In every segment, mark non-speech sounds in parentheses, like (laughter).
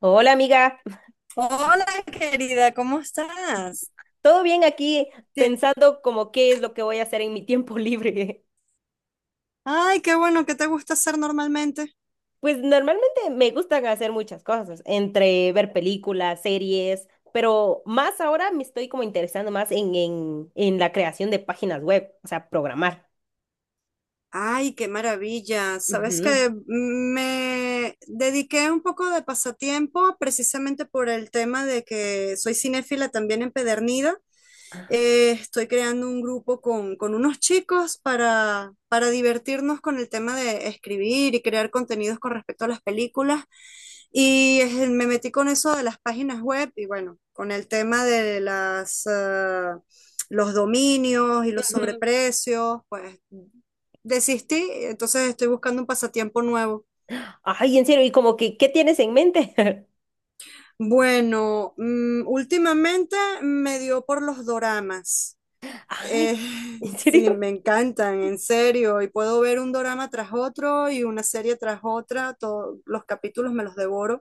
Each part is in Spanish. Hola amiga, Hola, querida, ¿cómo estás? ¿todo bien aquí? Tien- Pensando como qué es lo que voy a hacer en mi tiempo libre. Ay, qué bueno, ¿qué te gusta hacer normalmente? (laughs) Pues normalmente me gustan hacer muchas cosas, entre ver películas, series, pero más ahora me estoy como interesando más en la creación de páginas web, o sea, programar. Ay, qué maravilla. Sabes Ujú, que me dediqué un poco de pasatiempo precisamente por el tema de que soy cinéfila también empedernida. Estoy creando un grupo con unos chicos para divertirnos con el tema de escribir y crear contenidos con respecto a las películas. Y me metí con eso de las páginas web y bueno, con el tema de las, los dominios y los ujú. sobreprecios, pues desistí, entonces estoy buscando un pasatiempo nuevo. Ay, en serio, ¿y como que qué tienes en mente? Bueno, últimamente me dio por los doramas. (laughs) Ay, Eh, ¿en sí, serio? me encantan, en serio. Y puedo ver un dorama tras otro y una serie tras otra. Todos los capítulos me los devoro.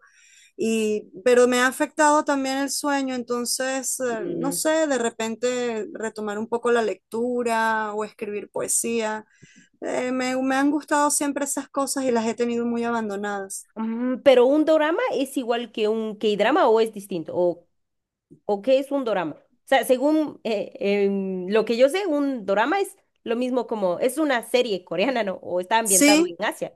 Pero me ha afectado también el sueño, entonces, no Mm, sé, de repente retomar un poco la lectura o escribir poesía. Me han gustado siempre esas cosas y las he tenido muy abandonadas. mm, ¿pero un dorama es igual que un K-drama o es distinto? ¿O qué es un dorama? O sea, según lo que yo sé, un dorama es lo mismo como, es una serie coreana, ¿no? O está ambientado Sí, en Asia.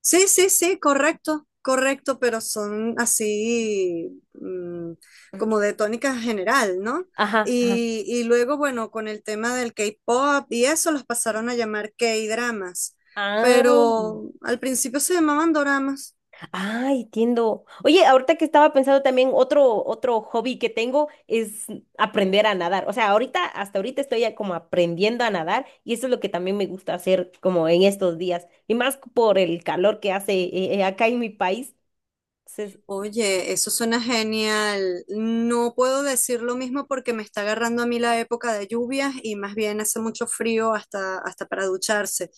sí, sí, sí, correcto, correcto, pero son así como de tónica general, ¿no? Ajá, ajá. Y luego, bueno, con el tema del K-pop y eso, los pasaron a llamar K-dramas, Ah, pero al principio se llamaban doramas. ah, entiendo. Oye, ahorita que estaba pensando también, otro hobby que tengo es aprender a nadar. O sea, ahorita, hasta ahorita estoy ya como aprendiendo a nadar y eso es lo que también me gusta hacer como en estos días. Y más por el calor que hace acá en mi país. Entonces, Oye, eso suena genial. No puedo decir lo mismo porque me está agarrando a mí la época de lluvias y más bien hace mucho frío hasta para ducharse.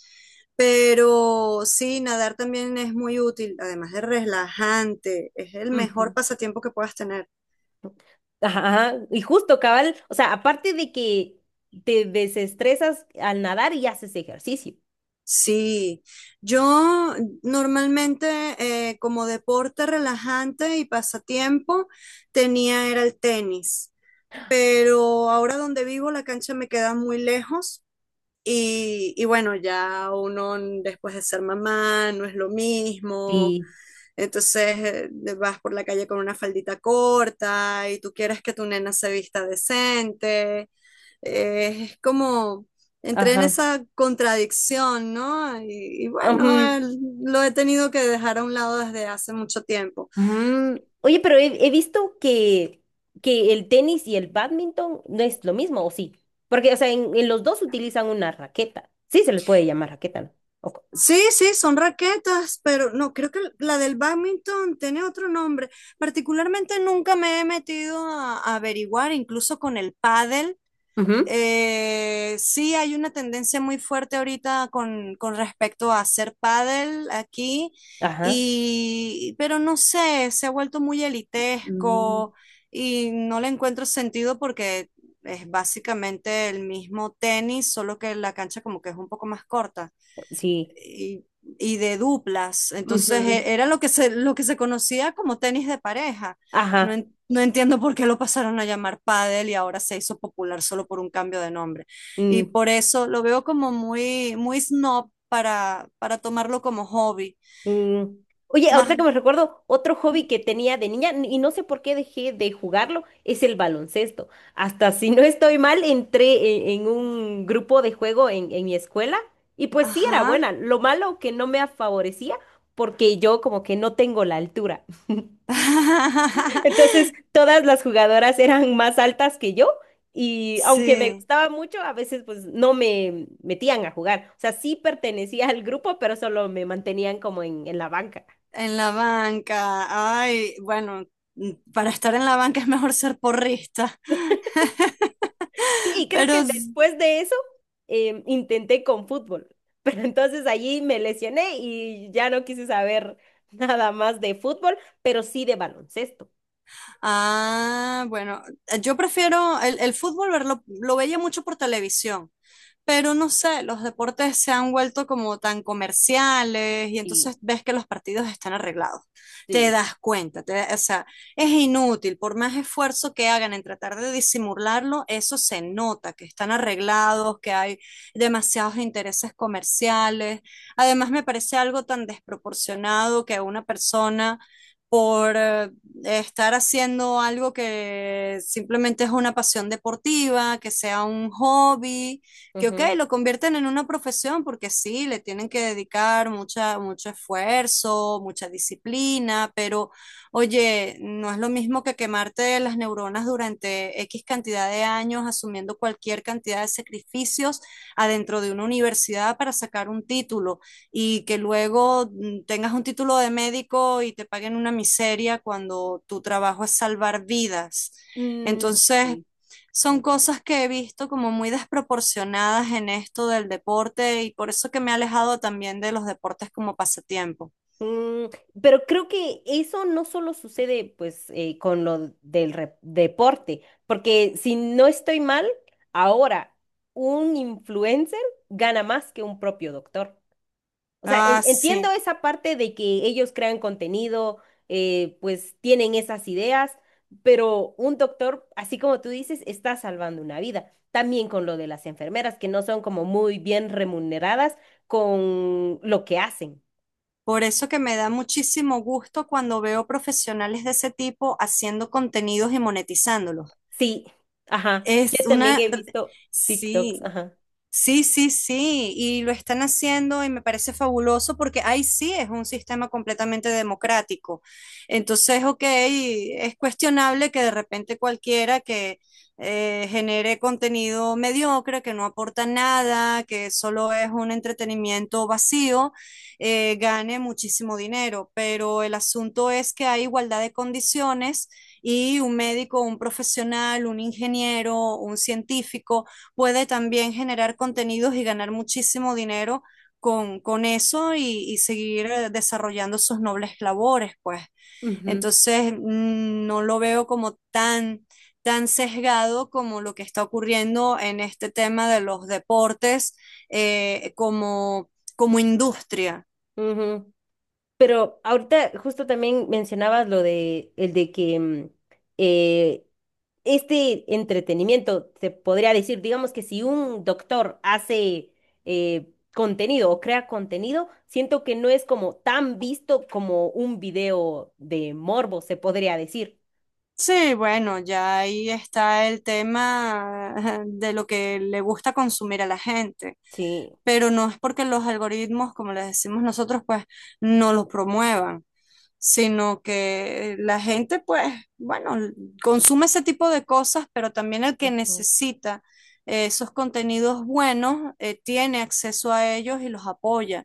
Pero sí, nadar también es muy útil, además de relajante, es el mejor ujú. pasatiempo que puedas tener. Ajá, ajá, y justo, cabal, o sea, aparte de que te desestresas al nadar y haces ejercicio. Sí, yo normalmente como deporte relajante y pasatiempo tenía era el tenis, pero ahora donde vivo la cancha me queda muy lejos. Y bueno, después de ser mamá no es lo mismo, Sí. entonces vas por la calle con una faldita corta y tú quieres que tu nena se vista decente. Eh, es como, Entré en Ajá. esa contradicción, ¿no? Y bueno, Ujú, lo he tenido que dejar a un lado desde hace mucho tiempo. ujú. Oye, pero he visto que el tenis y el bádminton no es lo mismo, ¿o sí? Porque, o sea, en los dos utilizan una raqueta. Sí, se les puede llamar raqueta, ¿no? Ok. Sí, sí, son raquetas, pero no, creo que la del badminton tiene otro nombre. Particularmente nunca me he metido a averiguar, incluso con el pádel. Ujú, Sí, hay una tendencia muy fuerte ahorita con respecto a hacer pádel aquí, ajá. Pero no sé, se ha vuelto muy Mm, elitesco y no le encuentro sentido porque es básicamente el mismo tenis, solo que la cancha como que es un poco más corta sí. y, y de duplas. Entonces Ujú, era lo que se conocía como tenis de pareja. No, ajá. No entiendo por qué lo pasaron a llamar pádel y ahora se hizo popular solo por un cambio de nombre. Y Mm. por eso lo veo como muy snob para tomarlo como hobby. Mm, oye, ahorita Más, que me recuerdo, otro hobby que tenía de niña, y no sé por qué dejé de jugarlo, es el baloncesto. Hasta si no estoy mal, entré en un grupo de juego en mi escuela y pues sí era ajá. buena. Lo malo que no me favorecía porque yo como que no tengo la altura. (laughs) Entonces, (laughs) todas las jugadoras eran más altas que yo y aunque me Sí, gustaba mucho, a veces pues no me metían a jugar. O sea, sí pertenecía al grupo, pero solo me mantenían como en la banca. en la banca. Ay, bueno, para estar en la banca es mejor ser porrista. Sí, y (laughs) creo que Pero después de eso intenté con fútbol, (laughs) pero entonces allí me lesioné y ya no quise saber (laughs) nada más de fútbol, pero sí de baloncesto. ah, bueno, yo prefiero el fútbol verlo, lo veía mucho por televisión, pero no sé, los deportes se han vuelto como tan comerciales y Sí, entonces ves que los partidos están arreglados. Te sí, das cuenta, o sea, es inútil, por más esfuerzo que hagan en tratar de disimularlo, eso se nota, que están arreglados, que hay demasiados intereses comerciales. Además, me parece algo tan desproporcionado que una persona por estar haciendo algo que simplemente es una pasión deportiva, que sea un hobby, que ok, ujú, lo convierten en una profesión porque sí, le tienen que dedicar mucho esfuerzo, mucha disciplina, pero oye, no es lo mismo que quemarte las neuronas durante X cantidad de años asumiendo cualquier cantidad de sacrificios adentro de una universidad para sacar un título y que luego tengas un título de médico y te paguen una miseria cuando tu trabajo es salvar vidas. mm, Entonces, sí, son concuerdo. cosas que he visto como muy desproporcionadas en esto del deporte y por eso que me he alejado también de los deportes como pasatiempo. Mm, pero creo que eso no solo sucede pues con lo del deporte, porque si no estoy mal, ahora un influencer gana más que un propio doctor. O sea, Ah, entiendo sí. esa parte de que ellos crean contenido, pues tienen esas ideas, pero un doctor, así como tú dices, está salvando una vida. También con lo de las enfermeras, que no son como muy bien remuneradas con lo que hacen. Por eso que me da muchísimo gusto cuando veo profesionales de ese tipo haciendo contenidos y monetizándolos. Sí, ajá. Es Yo también una, he visto TikToks, sí, ajá. Sí, sí, sí, y lo están haciendo y me parece fabuloso porque ahí sí es un sistema completamente democrático. Entonces, ok, es cuestionable que de repente cualquiera que genere contenido mediocre, que no aporta nada, que solo es un entretenimiento vacío, gane muchísimo dinero, pero el asunto es que hay igualdad de condiciones y un médico, un profesional, un ingeniero, un científico puede también generar contenidos y ganar muchísimo dinero con eso y seguir desarrollando sus nobles labores, pues. Ujú, Entonces, no lo veo como tan sesgado como lo que está ocurriendo en este tema de los deportes eh, como, como industria. ujú. Pero ahorita justo también mencionabas lo de el de que mm, eh, este entretenimiento se podría decir, digamos que si un doctor hace contenido o crea contenido, siento que no es como tan visto como un video de morbo, se podría decir. Sí, bueno, ya ahí está el tema (laughs) de lo que le gusta consumir a la gente. Sí. Pero no es porque los algoritmos, como les decimos nosotros, pues no los promuevan, sino que la gente, pues, bueno, consume ese tipo de cosas, pero también el que Ujú. necesita esos contenidos buenos tiene acceso a ellos y los apoya.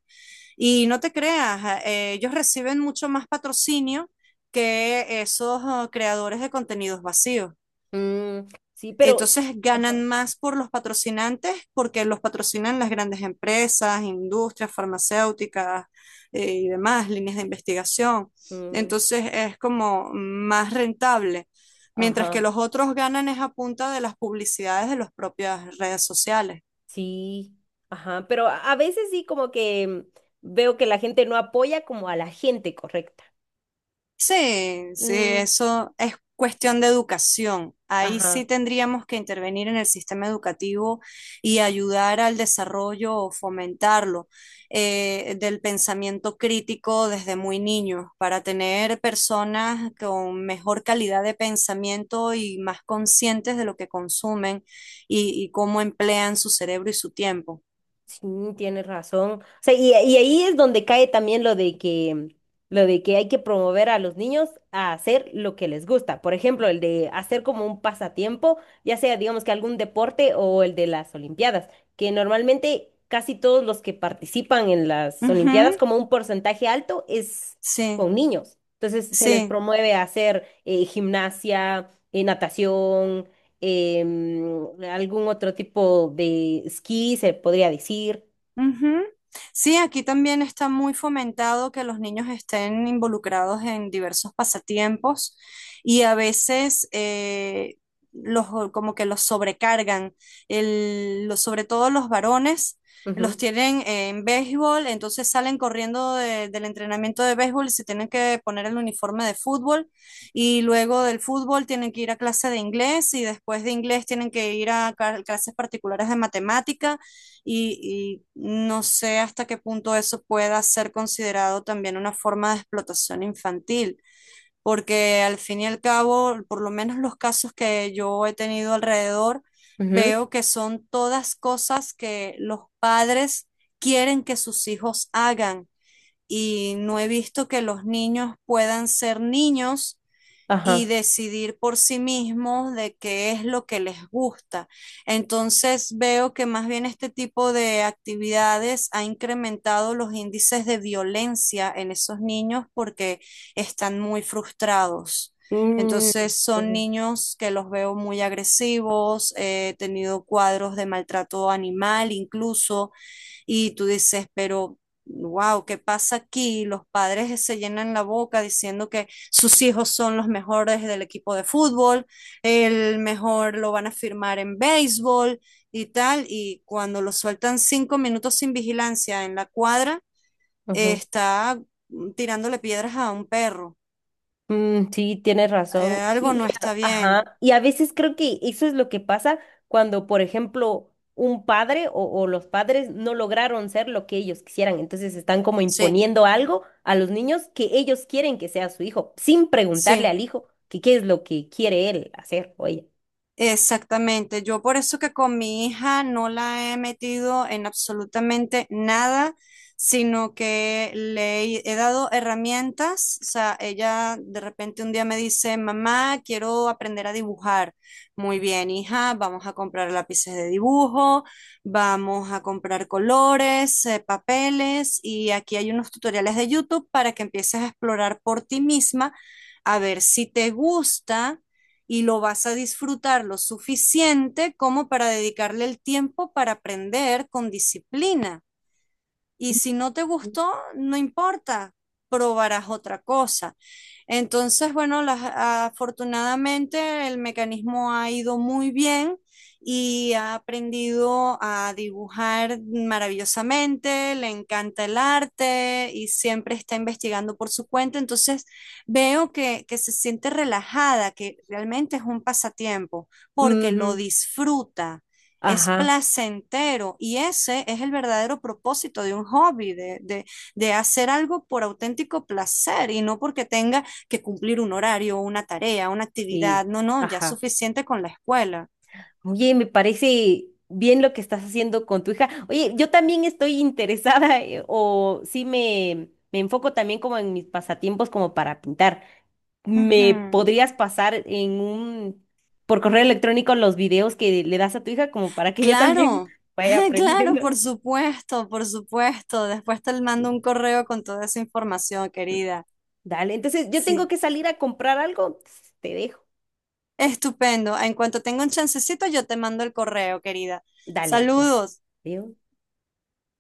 Y no te creas, ellos reciben mucho más patrocinio que esos creadores de contenidos vacíos. Mm, sí, pero Entonces ajá. ganan más por los patrocinantes porque los patrocinan las grandes empresas, industrias farmacéuticas y demás, líneas de investigación. Mm, Entonces es como más rentable, mientras que ajá. los otros ganan es a punta de las publicidades de las propias redes sociales. Sí, ajá, pero a veces sí como que mm, veo que la gente no apoya como a la gente correcta. Sí, sí, Mm, eso es cuestión de educación. Ahí ajá. sí tendríamos que intervenir en el sistema educativo y ayudar al desarrollo o fomentarlo del pensamiento crítico desde muy niños para tener personas con mejor calidad de pensamiento y más conscientes de lo que consumen y cómo emplean su cerebro y su tiempo. Sí, tienes razón. O sea, y ahí es donde cae también lo de que hay que promover a los niños a hacer lo que les gusta. Por ejemplo, el de hacer como un pasatiempo, ya sea, digamos que algún deporte o el de las Olimpiadas, que normalmente casi todos los que participan en las Olimpiadas, Ujú, como un porcentaje alto, es sí, con niños. Entonces se les sí. promueve a hacer gimnasia, natación em, algún otro tipo de esquí, se podría decir. Ujú. Sí, aquí también está muy fomentado que los niños estén involucrados en diversos pasatiempos y a veces los, como que los sobrecargan, sobre todo los varones. Los Ujú, tienen en béisbol, entonces salen corriendo del entrenamiento de béisbol y se tienen que poner el uniforme de fútbol y luego del fútbol tienen que ir a clase de inglés y después de inglés tienen que ir a clases particulares de matemática y no sé hasta qué punto eso pueda ser considerado también una forma de explotación infantil, porque al fin y al cabo, por lo menos los casos que yo he tenido alrededor, ujú, veo que son todas cosas que los padres quieren que sus hijos hagan y no he visto que los niños puedan ser niños y ajá. decidir por sí mismos de qué es lo que les gusta. Entonces veo que más bien este tipo de actividades ha incrementado los índices de violencia en esos niños porque están muy frustrados. Mm, Entonces son ujú, niños que los veo muy agresivos, he tenido cuadros de maltrato animal incluso, y tú dices, pero wow, ¿qué pasa aquí? Los padres se llenan la boca diciendo que sus hijos son los mejores del equipo de fútbol, el mejor lo van a firmar en béisbol y tal, y cuando lo sueltan 5 minutos sin vigilancia en la cuadra, ujú. está tirándole piedras a un perro. Mm, sí, tienes razón. Algo Y no está bien. ajá. Y a veces creo que eso es lo que pasa cuando, por ejemplo, un padre o los padres no lograron ser lo que ellos quisieran. Entonces están como Sí, imponiendo algo a los niños que ellos quieren que sea su hijo, sin preguntarle sí. al hijo que qué es lo que quiere él hacer o ella. Exactamente, yo por eso que con mi hija no la he metido en absolutamente nada, sino que le he dado herramientas, o sea, ella de repente un día me dice, mamá, quiero aprender a dibujar. Muy bien, hija, vamos a comprar lápices de dibujo, vamos a comprar colores, papeles y aquí hay unos tutoriales de YouTube para que empieces a explorar por ti misma, a ver si te gusta y lo vas a disfrutar lo suficiente como para dedicarle el tiempo para aprender con disciplina. Y si no te gustó, no importa, probarás otra cosa. Entonces, bueno, afortunadamente el mecanismo ha ido muy bien y ha aprendido a dibujar maravillosamente, le encanta el arte y siempre está investigando por su cuenta. Entonces, veo que se siente relajada, que realmente es un pasatiempo porque lo Ujú, disfruta, es ajá. placentero y ese es el verdadero propósito de un hobby, de hacer algo por auténtico placer y no porque tenga que cumplir un horario, una tarea, una Sí, actividad. No, no, ya es ajá. suficiente con la escuela. Oye, me parece bien lo que estás haciendo con tu hija. Oye, yo también estoy interesada, o sí me enfoco también como en mis pasatiempos como para pintar. ¿Me Ujú. podrías pasar en un, por correo electrónico los videos que le das a tu hija como para que ella también Claro. (laughs) vaya (laughs) Claro, aprendiendo? por supuesto, por supuesto. Después te mando un correo con toda esa información, querida. Dale, entonces yo tengo Sí, que salir a comprar algo. Te dejo. estupendo. En cuanto tenga un chancecito, yo te mando el correo, querida. Dale, gracias. Saludos. Adiós.